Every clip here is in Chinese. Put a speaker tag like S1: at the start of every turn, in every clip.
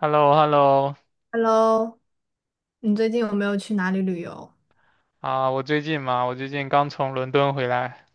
S1: h e l l o h e l l o
S2: Hello，你最近有没有去哪里旅游？
S1: 啊，我最近嘛，我最近刚从伦敦回来。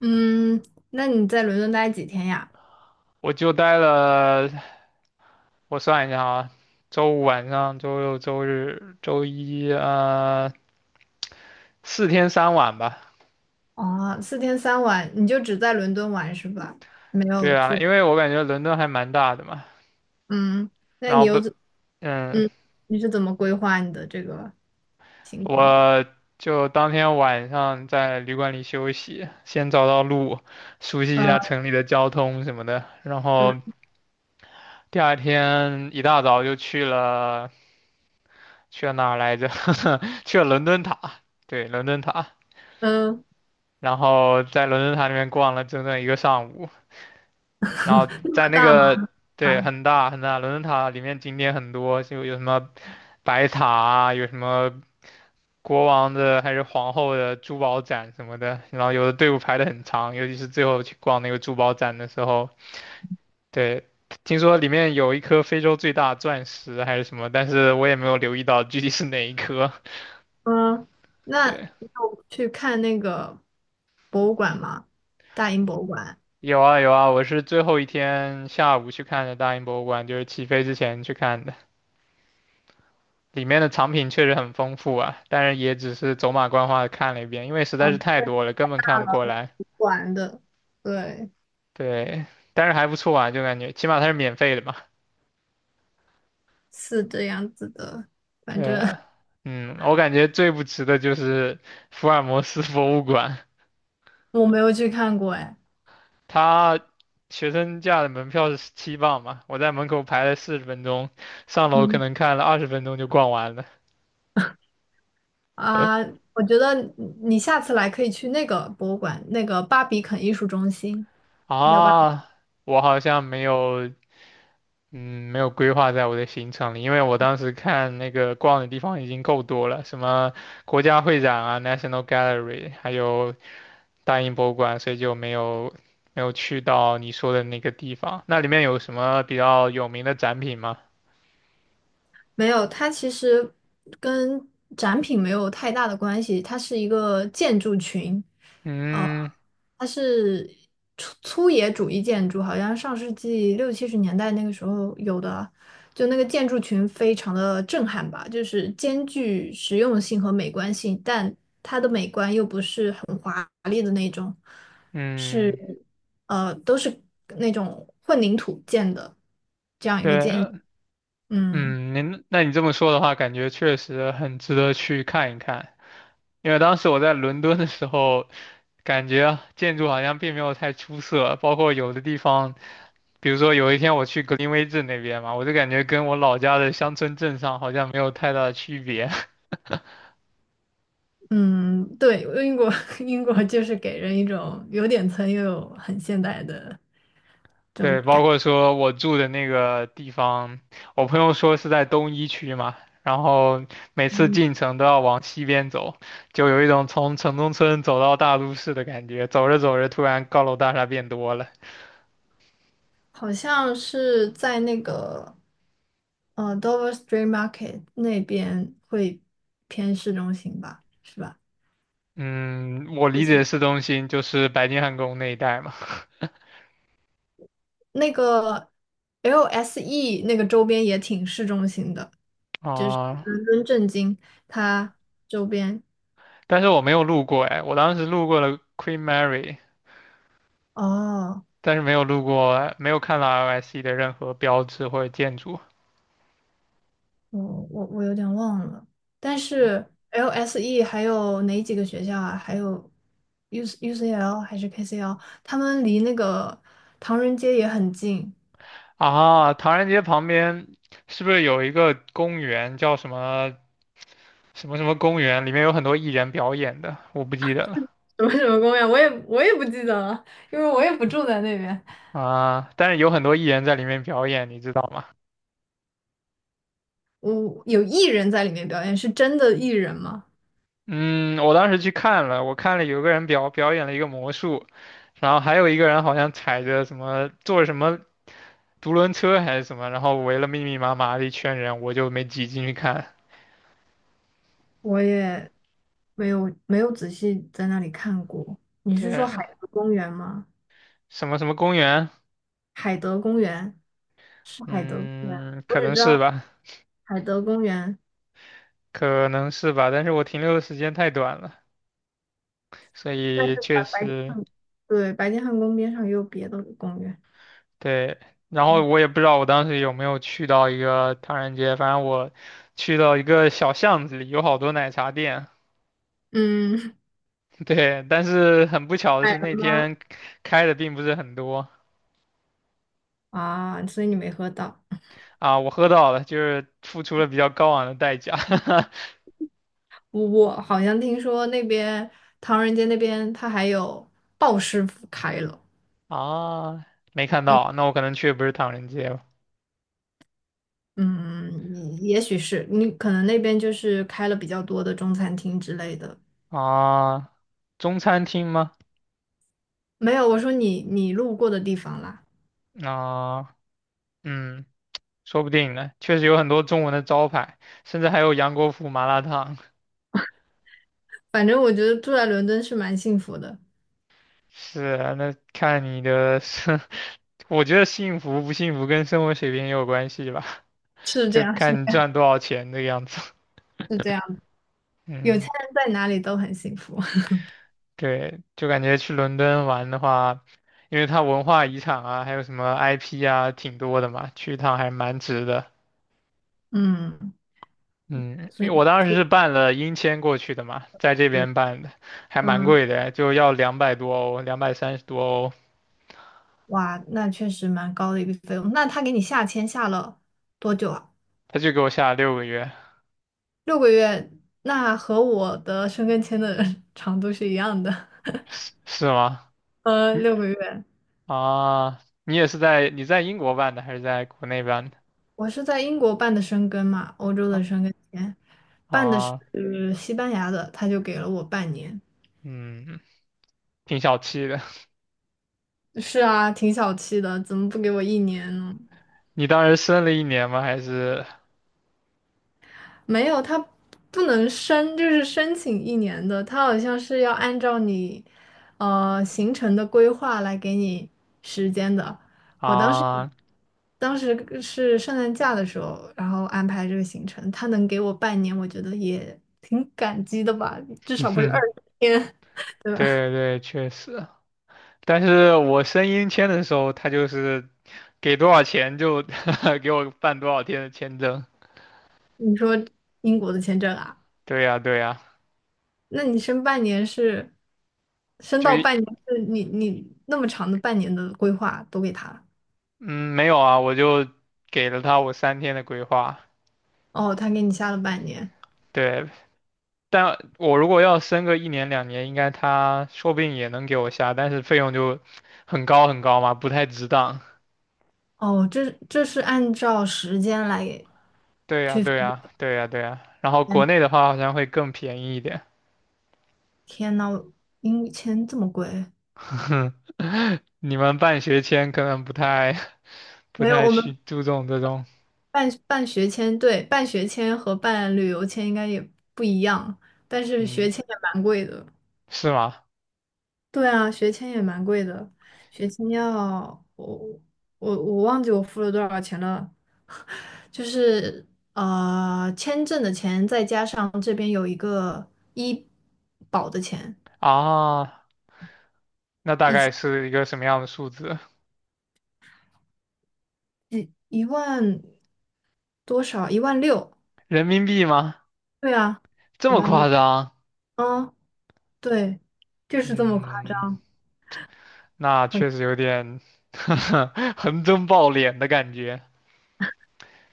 S2: 嗯，那你在伦敦待几天呀？
S1: 我就待了，我算一下啊，周五晚上、周六、周日、周一，4天3晚吧。
S2: 哦，四天三晚，你就只在伦敦玩是吧？没有
S1: 对啊，
S2: 去，
S1: 因为我感觉伦敦还蛮大的嘛。
S2: 嗯，那
S1: 然
S2: 你
S1: 后
S2: 又
S1: 不，
S2: 怎，
S1: 嗯，
S2: 嗯，你是怎么规划你的这个行程的？
S1: 我就当天晚上在旅馆里休息，先找到路，熟悉一
S2: 呃，
S1: 下城里的交通什么的，然
S2: 嗯
S1: 后第二天一大早就去了。去了哪儿来着？去了伦敦塔，对，伦敦塔。
S2: 嗯，
S1: 然后在伦敦塔里面逛了整整一个上午。然后
S2: 那么
S1: 在那
S2: 大吗？
S1: 个对，很大很大，伦敦塔里面景点很多，就有什么白塔啊，有什么国王的还是皇后的珠宝展什么的。然后有的队伍排得很长，尤其是最后去逛那个珠宝展的时候，对。听说里面有一颗非洲最大钻石还是什么，但是我也没有留意到具体是哪一颗。
S2: 嗯，那
S1: 对，
S2: 你有去看那个博物馆吗？大英博物馆。
S1: 有啊有啊，我是最后一天下午去看的大英博物馆，就是起飞之前去看的。里面的藏品确实很丰富啊，但是也只是走马观花的看了一遍，因为实在是
S2: 嗯，
S1: 太多了，根本看不过来。
S2: 玩的，对，
S1: 对，但是还不错啊，就感觉起码它是免费的嘛。
S2: 是这样子的，反正
S1: 对啊，我感觉最不值的就是福尔摩斯博物馆。
S2: 我没有去看过哎。
S1: 它学生价的门票是17磅嘛，我在门口排了40分钟，上楼可
S2: 嗯，
S1: 能看了20分钟就逛完了。
S2: 啊，我觉得你下次来可以去那个博物馆，那个巴比肯艺术中心，道吧？
S1: 啊，我好像没有，嗯，没有规划在我的行程里，因为我当时看那个逛的地方已经够多了，什么国家会展啊、National Gallery,还有大英博物馆，所以就没有去到你说的那个地方。那里面有什么比较有名的展品吗？
S2: 没有，它其实跟展品没有太大的关系，它是一个建筑群，
S1: 嗯
S2: 它是粗野主义建筑，好像上世纪60、70年代那个时候有的，就那个建筑群非常的震撼吧，就是兼具实用性和美观性，但它的美观又不是很华丽的那种，是
S1: 嗯，
S2: 都是那种混凝土建的，
S1: 对，
S2: 嗯
S1: 嗯，你这么说的话，感觉确实很值得去看一看。因为当时我在伦敦的时候，感觉啊建筑好像并没有太出色，包括有的地方，比如说有一天我去格林威治那边嘛，我就感觉跟我老家的乡村镇上好像没有太大的区别。
S2: 嗯，对，英国 英国就是给人一种有点村又有很现代的。这种
S1: 对，包
S2: 感。
S1: 括说我住的那个地方，我朋友说是在东一区嘛，然后每次进城都要往西边走，就有一种从城中村走到大都市的感觉，走着走着突然高楼大厦变多了。
S2: 好像是在那个Dover Street Market 那边会偏市中心吧，是吧？
S1: 嗯，我
S2: 不
S1: 理解
S2: 清
S1: 的市中心就是白金汉宫那一带嘛。
S2: 那个 LSE 那个周边也挺市中心的，
S1: 啊，
S2: 伦敦政经它周边
S1: 但是我没有路过哎，我当时路过了 Queen Mary,
S2: 哦，
S1: 但是没有路过，没有看到 LSE 的任何标志或者建筑。
S2: 我我有点忘了，但是 LSE 还有哪几个学校啊？还有 U UCL 还是 KCL，他们离那个唐人街也很近。
S1: 啊，唐人街旁边是不是有一个公园叫什么什么什么公园？里面有很多艺人表演的，我不记得了。
S2: 什么什么公园，我也不记得了，因为我也不住在那边。
S1: 啊，但是有很多艺人在里面表演，你知道吗？
S2: 我有艺人在里面表演，是真的艺人吗？
S1: 嗯，我当时去看了，我看了有个人表演了一个魔术，然后还有一个人好像踩着什么坐着什么独轮车还是什么，然后围了密密麻麻的一圈人，我就没挤进去看。
S2: 我也没有仔细在那里看过。你是说海
S1: 对，
S2: 德公园吗？
S1: 什么什么公园，
S2: 海德公园是海德公园，
S1: 嗯，
S2: 我
S1: 可
S2: 只
S1: 能
S2: 知
S1: 是
S2: 道
S1: 吧，
S2: 海德公园，
S1: 可能是吧，但是我停留的时间太短了，所
S2: 但
S1: 以
S2: 是
S1: 确实
S2: 白金汉宫边上也有别的公园。
S1: 对。然后我也不知道我当时有没有去到一个唐人街，反正我去到一个小巷子里，有好多奶茶店。
S2: 嗯，
S1: 对，但是很不巧 的
S2: 哎
S1: 是那天开的并不是很多。
S2: 啊，所以你没喝到。
S1: 啊，我喝到了，就是付出了比较高昂的代价。
S2: 我好像听说那边唐人街那边他还有鲍师傅开了，
S1: 啊，没看
S2: 嗯，
S1: 到，那我可能去的不是唐人街了。
S2: 嗯，也许是你可能那边就是开了比较多的中餐厅之类的。
S1: 啊，中餐厅吗？
S2: 没有，我说你路过的地方啦，
S1: 啊，嗯，说不定呢，确实有很多中文的招牌，甚至还有杨国福麻辣烫。
S2: 反正我觉得住在伦敦是蛮幸福的，
S1: 是啊，那看你的生，我觉得幸福不幸福跟生活水平也有关系吧，
S2: 是这
S1: 就
S2: 样，是
S1: 看你赚多少钱这个样子。
S2: 是这样的，有钱
S1: 嗯。
S2: 人在哪里都很幸福。
S1: 对，就感觉去伦敦玩的话，因为它文化遗产啊，还有什么 IP 啊，挺多的嘛，去一趟还蛮值的。
S2: 嗯，
S1: 嗯，
S2: 所
S1: 因为
S2: 以
S1: 我当时
S2: 是，
S1: 是办了英签过去的嘛，在这
S2: 对，
S1: 边办的，还蛮
S2: 嗯，
S1: 贵的，就要200多欧，230多欧。
S2: 哇，那确实蛮高的一个费用。那他给你下签下了多久啊？
S1: 他就给我下了6个月。
S2: 六个月，那和我的生根签的 长度是一样的，
S1: 是是吗？你
S2: 六个月。
S1: 啊，你也是在英国办的，还是在国内办的？
S2: 我是在英国办的生根嘛，欧洲
S1: 啊
S2: 的生根签，办的
S1: 啊，
S2: 是西班牙的，他就给了我半年。
S1: 嗯，挺小气的。
S2: 是啊，挺小气的，怎么不给我一年呢？
S1: 你当时申了一年吗？还是
S2: 没有，他不能申，就是申请一年的，他好像是要按照你行程的规划来给你时间的。我当时
S1: 啊？
S2: 当时是圣诞假的时候，然后安排这个行程，他能给我半年，我觉得也挺感激的吧，至少不是二 十天，对吧？
S1: 对对，确实，但是我申英签的时候，他就是给多少钱就 给我办多少天的签证。
S2: 你说英国的签证啊，
S1: 对呀，对呀，
S2: 那你申半年是申
S1: 就
S2: 到
S1: 一
S2: 半年，是你那么长的半年的规划都给他。
S1: 嗯没有啊，我就给了他我3天的规划。
S2: 哦，他给你下了半年。
S1: 对，但我如果要申个一年两年，应该他说不定也能给我下，但是费用就很高很高嘛，不太值当。
S2: 哦，这是按照时间来给。
S1: 对呀，对呀，对呀，对呀。然后国内
S2: 天
S1: 的话好像会更便宜一点。
S2: 天呐，英语签这么贵？
S1: 你们办学签可能不太。不
S2: 没有，
S1: 太
S2: 我
S1: 需
S2: 们
S1: 注重这种，
S2: 办学签，对，办学签和办旅游签应该也不一样，但是
S1: 嗯，
S2: 学签也蛮贵的。
S1: 是吗？
S2: 对啊，学签也蛮贵的，学签要我忘记我付了多少钱了，就是签证的钱再加上这边有一个医保的钱。
S1: 啊，那大概是一个什么样的数字？
S2: 一万多少？一万六？
S1: 人民币吗？
S2: 对啊，
S1: 这
S2: 一
S1: 么
S2: 万六。
S1: 夸张？
S2: 嗯，对，就是这么快！
S1: 嗯，那确实有点 横征暴敛的感觉。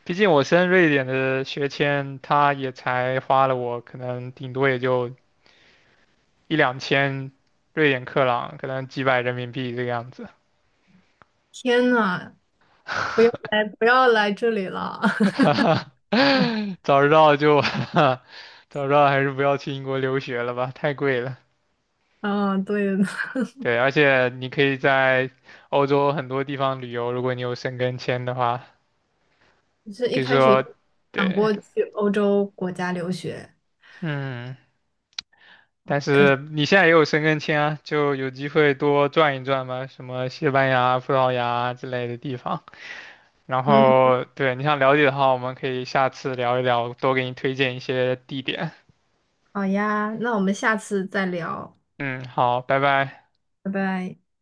S1: 毕竟我申瑞典的学签，他也才花了我可能顶多也就一两千瑞典克朗，可能几百人民币这个样子。
S2: 天呐，不要来这里了。
S1: 早知道就 早知道还是不要去英国留学了吧，太贵了。
S2: 嗯，对，
S1: 对，而且你可以在欧洲很多地方旅游，如果你有申根签的话，
S2: 就是一
S1: 比如
S2: 开始
S1: 说，
S2: 有想
S1: 对，
S2: 过去欧洲国家留学，
S1: 嗯，但
S2: 可惜
S1: 是你现在也有申根签啊，就有机会多转一转嘛，什么西班牙、葡萄牙之类的地方。然
S2: 嗯哼
S1: 后，对，你想了解的话，我们可以下次聊一聊，多给你推荐一些地点。
S2: 好呀，那我们下次再聊，
S1: 嗯，好，拜拜。
S2: 拜拜。